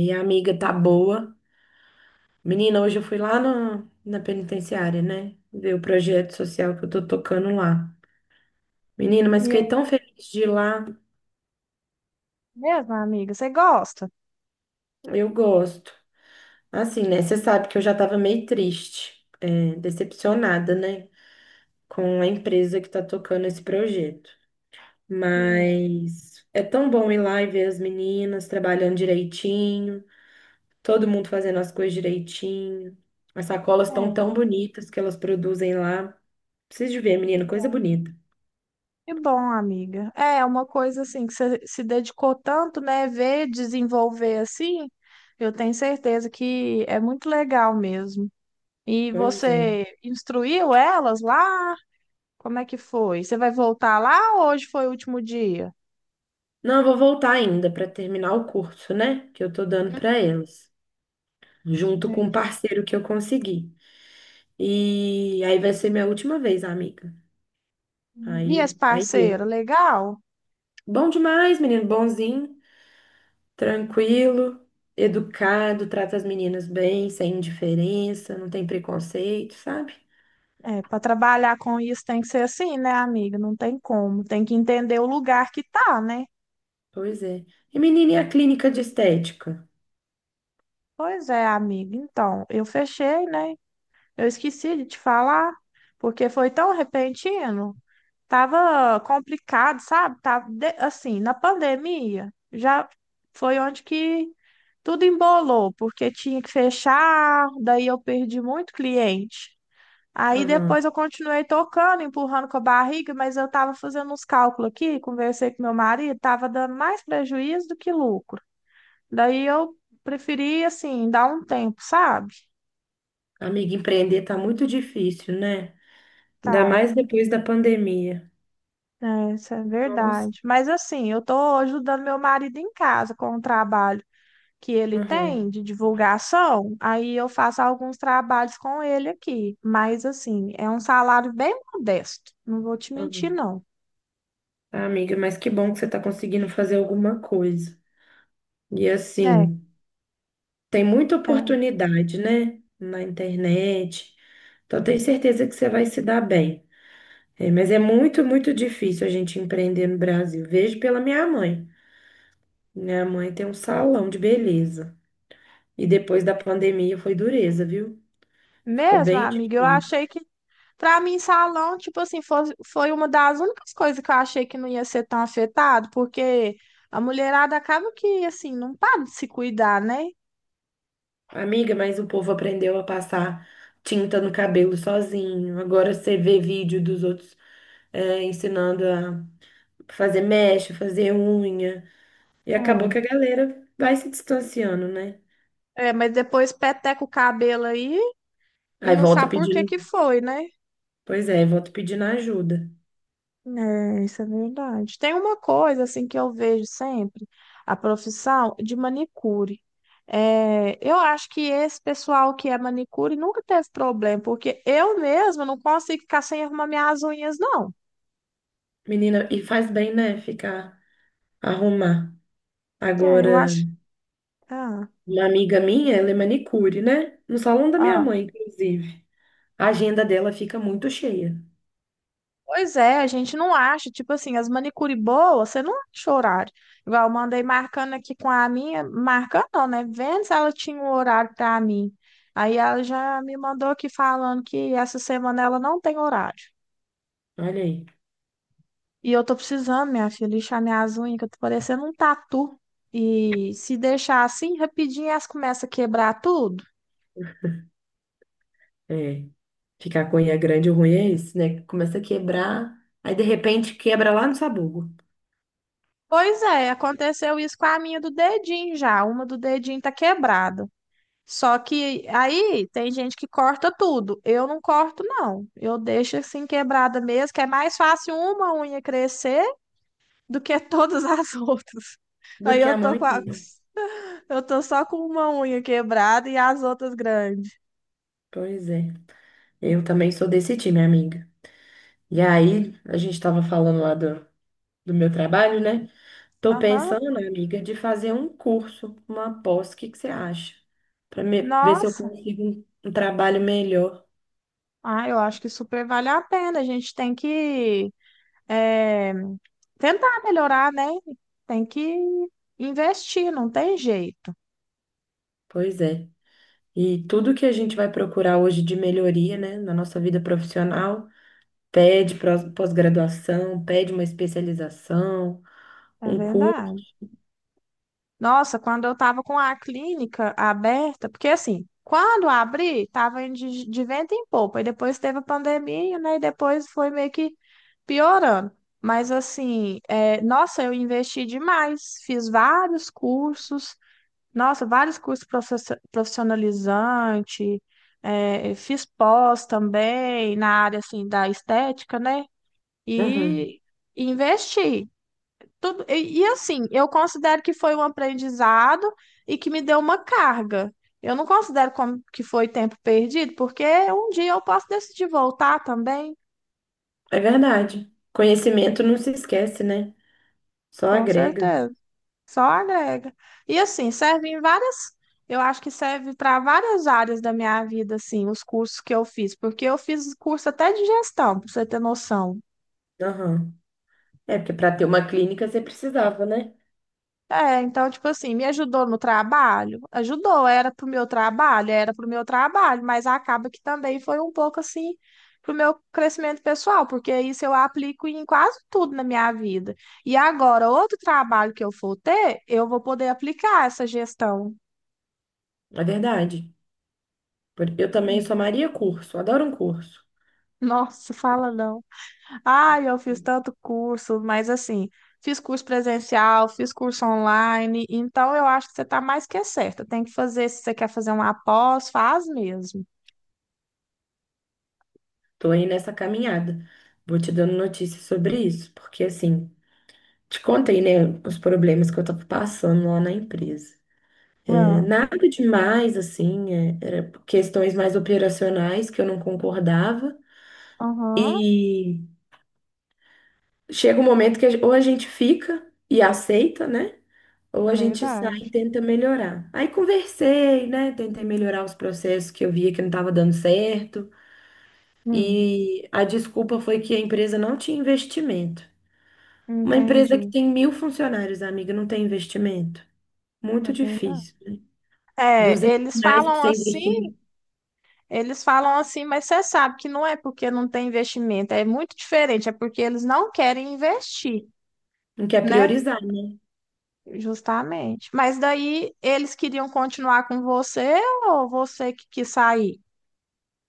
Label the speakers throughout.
Speaker 1: E a amiga tá boa. Menina, hoje eu fui lá na, na penitenciária, né? Ver o projeto social que eu tô tocando lá. Menina, mas
Speaker 2: E
Speaker 1: fiquei
Speaker 2: é
Speaker 1: tão feliz de ir lá.
Speaker 2: mesmo, amiga? Você gosta?
Speaker 1: Eu gosto. Assim, né? Você sabe que eu já tava meio triste, decepcionada, né? Com a empresa que tá tocando esse projeto.
Speaker 2: Hum.
Speaker 1: Mas é tão bom ir lá e ver as meninas trabalhando direitinho. Todo mundo fazendo as coisas direitinho. As sacolas estão
Speaker 2: É,
Speaker 1: tão bonitas que elas produzem lá. Preciso de ver,
Speaker 2: que
Speaker 1: menino, coisa
Speaker 2: bom.
Speaker 1: bonita.
Speaker 2: Que bom, amiga. É uma coisa assim que você se dedicou tanto, né? Ver desenvolver assim, eu tenho certeza que é muito legal mesmo. E
Speaker 1: Pois é.
Speaker 2: você instruiu elas lá? Como é que foi? Você vai voltar lá ou hoje foi o último dia?
Speaker 1: Não, eu vou voltar ainda para terminar o curso, né? Que eu tô dando
Speaker 2: Hum.
Speaker 1: para elas, junto com o
Speaker 2: Entendi.
Speaker 1: parceiro que eu consegui. E aí vai ser minha última vez, amiga.
Speaker 2: E
Speaker 1: Aí,
Speaker 2: esse
Speaker 1: aí deu.
Speaker 2: parceiro, legal?
Speaker 1: Bom demais, menino, bonzinho, tranquilo, educado, trata as meninas bem, sem indiferença, não tem preconceito, sabe?
Speaker 2: É, para trabalhar com isso tem que ser assim, né, amiga? Não tem como. Tem que entender o lugar que tá, né?
Speaker 1: Pois é. E menina, e a clínica de estética?
Speaker 2: Pois é, amiga. Então, eu fechei, né? Eu esqueci de te falar, porque foi tão repentino. Tava complicado, sabe? Tava assim, na pandemia, já foi onde que tudo embolou, porque tinha que fechar, daí eu perdi muito cliente. Aí
Speaker 1: Aham.
Speaker 2: depois eu continuei tocando, empurrando com a barriga, mas eu tava fazendo uns cálculos aqui, conversei com meu marido, tava dando mais prejuízo do que lucro. Daí eu preferi, assim, dar um tempo, sabe?
Speaker 1: Amiga, empreender tá muito difícil, né? Ainda
Speaker 2: Tá,
Speaker 1: mais depois da pandemia.
Speaker 2: é, isso é
Speaker 1: Nossa.
Speaker 2: verdade. Mas assim, eu tô ajudando meu marido em casa com o trabalho que ele
Speaker 1: Aham,
Speaker 2: tem de divulgação, aí eu faço alguns trabalhos com ele aqui. Mas assim, é um salário bem modesto, não vou te mentir,
Speaker 1: aham.
Speaker 2: não.
Speaker 1: Ah, amiga, mas que bom que você tá conseguindo fazer alguma coisa. E
Speaker 2: É,
Speaker 1: assim, tem muita
Speaker 2: é.
Speaker 1: oportunidade, né? Na internet. Então, tenho certeza que você vai se dar bem. É, mas é muito, muito difícil a gente empreender no Brasil. Vejo pela minha mãe. Minha mãe tem um salão de beleza. E depois da pandemia foi dureza, viu? Ficou
Speaker 2: Mesmo,
Speaker 1: bem
Speaker 2: amiga, eu
Speaker 1: difícil.
Speaker 2: achei que, pra mim, salão, tipo assim, foi uma das únicas coisas que eu achei que não ia ser tão afetado, porque a mulherada acaba que, assim, não para de se cuidar, né?
Speaker 1: Amiga, mas o povo aprendeu a passar tinta no cabelo sozinho. Agora você vê vídeo dos outros ensinando a fazer mecha, fazer unha. E acabou
Speaker 2: É.
Speaker 1: que a galera vai se distanciando, né?
Speaker 2: É, mas depois peteca o cabelo aí e
Speaker 1: Aí
Speaker 2: não
Speaker 1: volta
Speaker 2: sabe por que
Speaker 1: pedindo.
Speaker 2: que foi, né?
Speaker 1: Pois é, volta pedindo ajuda.
Speaker 2: É, isso é verdade. Tem uma coisa assim que eu vejo sempre, a profissão de manicure. É, eu acho que esse pessoal que é manicure nunca teve problema, porque eu mesma não consigo ficar sem arrumar minhas unhas, não.
Speaker 1: Menina, e faz bem, né? Ficar, arrumar.
Speaker 2: É, eu
Speaker 1: Agora,
Speaker 2: acho. Ah,
Speaker 1: uma amiga minha, ela é manicure, né? No salão da minha
Speaker 2: ah.
Speaker 1: mãe, inclusive. A agenda dela fica muito cheia.
Speaker 2: Pois é, a gente não acha, tipo assim, as manicure boas, você não acha horário. Igual eu mandei marcando aqui com a minha, marcando não, né? Vendo se ela tinha um horário pra mim. Aí ela já me mandou aqui falando que essa semana ela não tem horário.
Speaker 1: Olha aí.
Speaker 2: E eu tô precisando, minha filha, lixar minhas unhas, que eu tô parecendo um tatu. E se deixar assim, rapidinho elas começam a quebrar tudo.
Speaker 1: É. Ficar com unha grande, o ruim é isso, né? Começa a quebrar, aí de repente quebra lá no sabugo.
Speaker 2: Pois é, aconteceu isso com a minha do dedinho já. Uma do dedinho tá quebrada. Só que aí tem gente que corta tudo. Eu não corto, não. Eu deixo assim quebrada mesmo, que é mais fácil uma unha crescer do que todas as outras.
Speaker 1: Do
Speaker 2: Aí
Speaker 1: que a mão inteira.
Speaker 2: eu tô só com uma unha quebrada e as outras grandes.
Speaker 1: Pois é. Eu também sou desse time, amiga. E aí, a gente estava falando lá do meu trabalho, né? Tô
Speaker 2: Aham.
Speaker 1: pensando, né, amiga, de fazer um curso, uma pós, o que que você acha? Para ver se eu
Speaker 2: Nossa.
Speaker 1: consigo um trabalho melhor.
Speaker 2: Ah, eu acho que super vale a pena. A gente tem que é, tentar melhorar, né? Tem que investir, não tem jeito.
Speaker 1: Pois é. E tudo que a gente vai procurar hoje de melhoria, né, na nossa vida profissional. Pede pós-graduação, pede uma especialização,
Speaker 2: É
Speaker 1: um curso.
Speaker 2: verdade. Nossa, quando eu estava com a clínica aberta, porque assim, quando abri, estava indo de vento em popa, e depois teve a pandemia, né? E depois foi meio que piorando. Mas assim, é, nossa, eu investi demais, fiz vários cursos, nossa, vários cursos profissionalizante, é, fiz pós também na área assim da estética, né?
Speaker 1: Uhum.
Speaker 2: E investi. Tudo, e assim, eu considero que foi um aprendizado e que me deu uma carga. Eu não considero como que foi tempo perdido, porque um dia eu posso decidir voltar também,
Speaker 1: É verdade. Conhecimento não se esquece, né? Só
Speaker 2: com
Speaker 1: agrega.
Speaker 2: certeza. Só agrega. E assim, serve em várias, eu acho que serve para várias áreas da minha vida, assim, os cursos que eu fiz, porque eu fiz curso até de gestão, para você ter noção.
Speaker 1: Aham. É, porque para ter uma clínica você precisava, né?
Speaker 2: É, então, tipo assim, me ajudou no trabalho? Ajudou, era pro meu trabalho, era pro meu trabalho, mas acaba que também foi um pouco assim pro meu crescimento pessoal, porque isso eu aplico em quase tudo na minha vida. E agora, outro trabalho que eu for ter, eu vou poder aplicar essa gestão.
Speaker 1: É verdade. Eu também sou Maria curso, adoro um curso.
Speaker 2: Nossa, fala não. Ai, eu fiz tanto curso, mas assim, fiz curso presencial, fiz curso online, então eu acho que você está mais que certa. Tem que fazer, se você quer fazer uma pós, faz mesmo.
Speaker 1: Tô aí nessa caminhada. Vou te dando notícias sobre isso, porque assim, te contei, né, os problemas que eu tava passando lá na empresa. É,
Speaker 2: Ah,
Speaker 1: nada demais, assim, era questões mais operacionais que eu não concordava.
Speaker 2: aham,
Speaker 1: E chega um momento que ou a gente fica e aceita, né? Ou
Speaker 2: é
Speaker 1: a gente sai e
Speaker 2: verdade.
Speaker 1: tenta melhorar. Aí conversei, né? Tentei melhorar os processos que eu via que não estava dando certo.
Speaker 2: Hum,
Speaker 1: E a desculpa foi que a empresa não tinha investimento. Uma empresa que
Speaker 2: entendi.
Speaker 1: tem 1.000 funcionários, amiga, não tem investimento.
Speaker 2: É
Speaker 1: Muito
Speaker 2: verdade.
Speaker 1: difícil, né?
Speaker 2: É,
Speaker 1: 200 reais para você investir,
Speaker 2: eles falam assim, mas você sabe que não é porque não tem investimento, é muito diferente, é porque eles não querem investir,
Speaker 1: não quer
Speaker 2: né?
Speaker 1: priorizar, né?
Speaker 2: Justamente. Mas daí eles queriam continuar com você ou você que quis sair?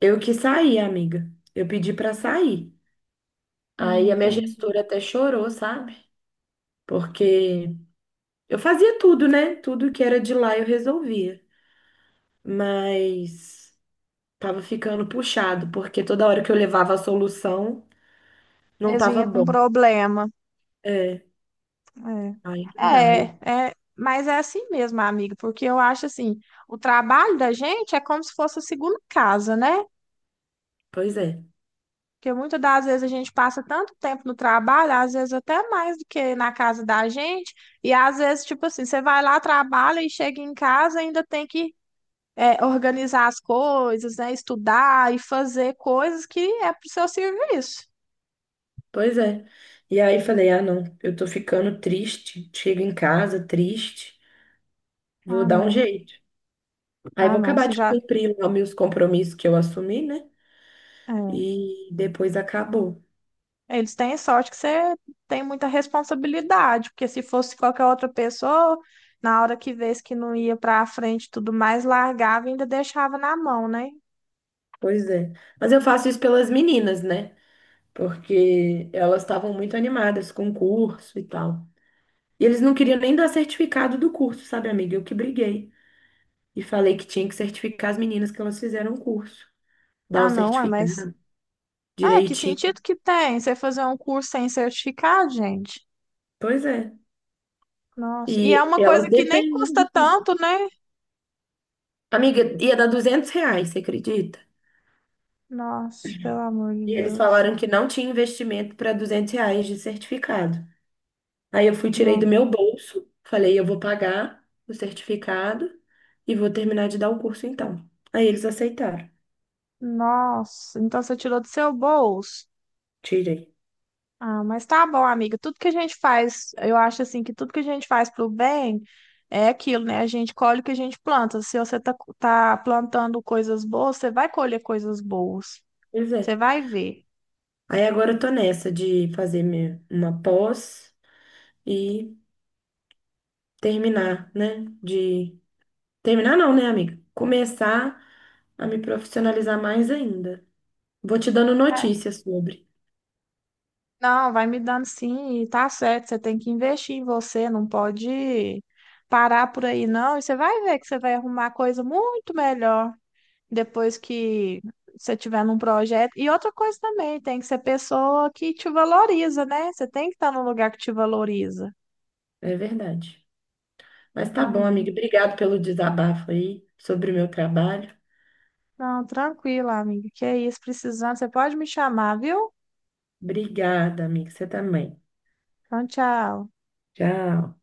Speaker 1: Eu que saí, amiga. Eu pedi para sair.
Speaker 2: Não
Speaker 1: Aí a minha
Speaker 2: entendi.
Speaker 1: gestora até chorou, sabe? Porque eu fazia tudo, né? Tudo que era de lá eu resolvia. Mas tava ficando puxado, porque toda hora que eu levava a solução, não
Speaker 2: Eles
Speaker 1: tava
Speaker 2: vinham com
Speaker 1: bom.
Speaker 2: problema.
Speaker 1: É, aí não dá.
Speaker 2: É,
Speaker 1: Aí,
Speaker 2: é, é, mas é assim mesmo, amiga, porque eu acho assim, o trabalho da gente é como se fosse a segunda casa, né?
Speaker 1: pois é,
Speaker 2: Porque muitas das vezes a gente passa tanto tempo no trabalho, às vezes até mais do que na casa da gente, e às vezes, tipo assim, você vai lá, trabalha e chega em casa, ainda tem que é, organizar as coisas, né? Estudar e fazer coisas que é pro seu serviço.
Speaker 1: pois é. E aí falei, ah, não, eu tô ficando triste. Chego em casa triste, vou
Speaker 2: Ah,
Speaker 1: dar um
Speaker 2: não.
Speaker 1: jeito. Aí
Speaker 2: Ah,
Speaker 1: vou
Speaker 2: não,
Speaker 1: acabar
Speaker 2: você
Speaker 1: de
Speaker 2: já.
Speaker 1: cumprir lá meus compromissos que eu assumi, né?
Speaker 2: É.
Speaker 1: E depois acabou.
Speaker 2: Eles têm sorte que você tem muita responsabilidade, porque se fosse qualquer outra pessoa, na hora que vês que não ia pra frente e tudo mais, largava e ainda deixava na mão, né?
Speaker 1: Pois é. Mas eu faço isso pelas meninas, né? Porque elas estavam muito animadas com o curso e tal. E eles não queriam nem dar certificado do curso, sabe, amiga? Eu que briguei e falei que tinha que certificar as meninas que elas fizeram o curso, dar o
Speaker 2: Ah, não, é, mas.
Speaker 1: certificado
Speaker 2: É, que
Speaker 1: direitinho.
Speaker 2: sentido que tem você fazer um curso sem certificado, gente?
Speaker 1: Pois é.
Speaker 2: Nossa.
Speaker 1: E
Speaker 2: E é uma
Speaker 1: elas
Speaker 2: coisa que nem
Speaker 1: dependem
Speaker 2: custa
Speaker 1: disso.
Speaker 2: tanto, né?
Speaker 1: Amiga, ia dar R$ 200, você acredita?
Speaker 2: Nossa, pelo amor de
Speaker 1: E eles
Speaker 2: Deus.
Speaker 1: falaram que não tinha investimento para R$ 200 de certificado. Aí eu fui, tirei
Speaker 2: No-
Speaker 1: do meu bolso, falei, eu vou pagar o certificado e vou terminar de dar o curso então. Aí eles aceitaram,
Speaker 2: Nossa, então você tirou do seu bolso.
Speaker 1: tirei.
Speaker 2: Ah, mas tá bom, amiga. Tudo que a gente faz, eu acho assim que tudo que a gente faz pro bem é aquilo, né? A gente colhe o que a gente planta. Se você tá, tá plantando coisas boas, você vai colher coisas boas.
Speaker 1: Pois é.
Speaker 2: Você vai ver.
Speaker 1: Aí agora eu tô nessa de fazer uma pós e terminar, né? De terminar não, né, amiga? Começar a me profissionalizar mais ainda. Vou te dando
Speaker 2: É.
Speaker 1: notícias sobre.
Speaker 2: Não, vai me dando sim, e tá certo. Você tem que investir em você, não pode parar por aí, não. E você vai ver que você vai arrumar coisa muito melhor. Depois que você tiver num projeto. E outra coisa também, tem que ser pessoa que te valoriza, né? Você tem que estar num lugar que te valoriza.
Speaker 1: É verdade. Mas tá
Speaker 2: Ah,
Speaker 1: bom,
Speaker 2: não.
Speaker 1: amiga. Obrigado pelo desabafo aí sobre o meu trabalho.
Speaker 2: Não, tranquilo, amiga. Que é isso, precisando. Você pode me chamar, viu?
Speaker 1: Obrigada, amiga. Você também.
Speaker 2: Então, tchau.
Speaker 1: Tchau.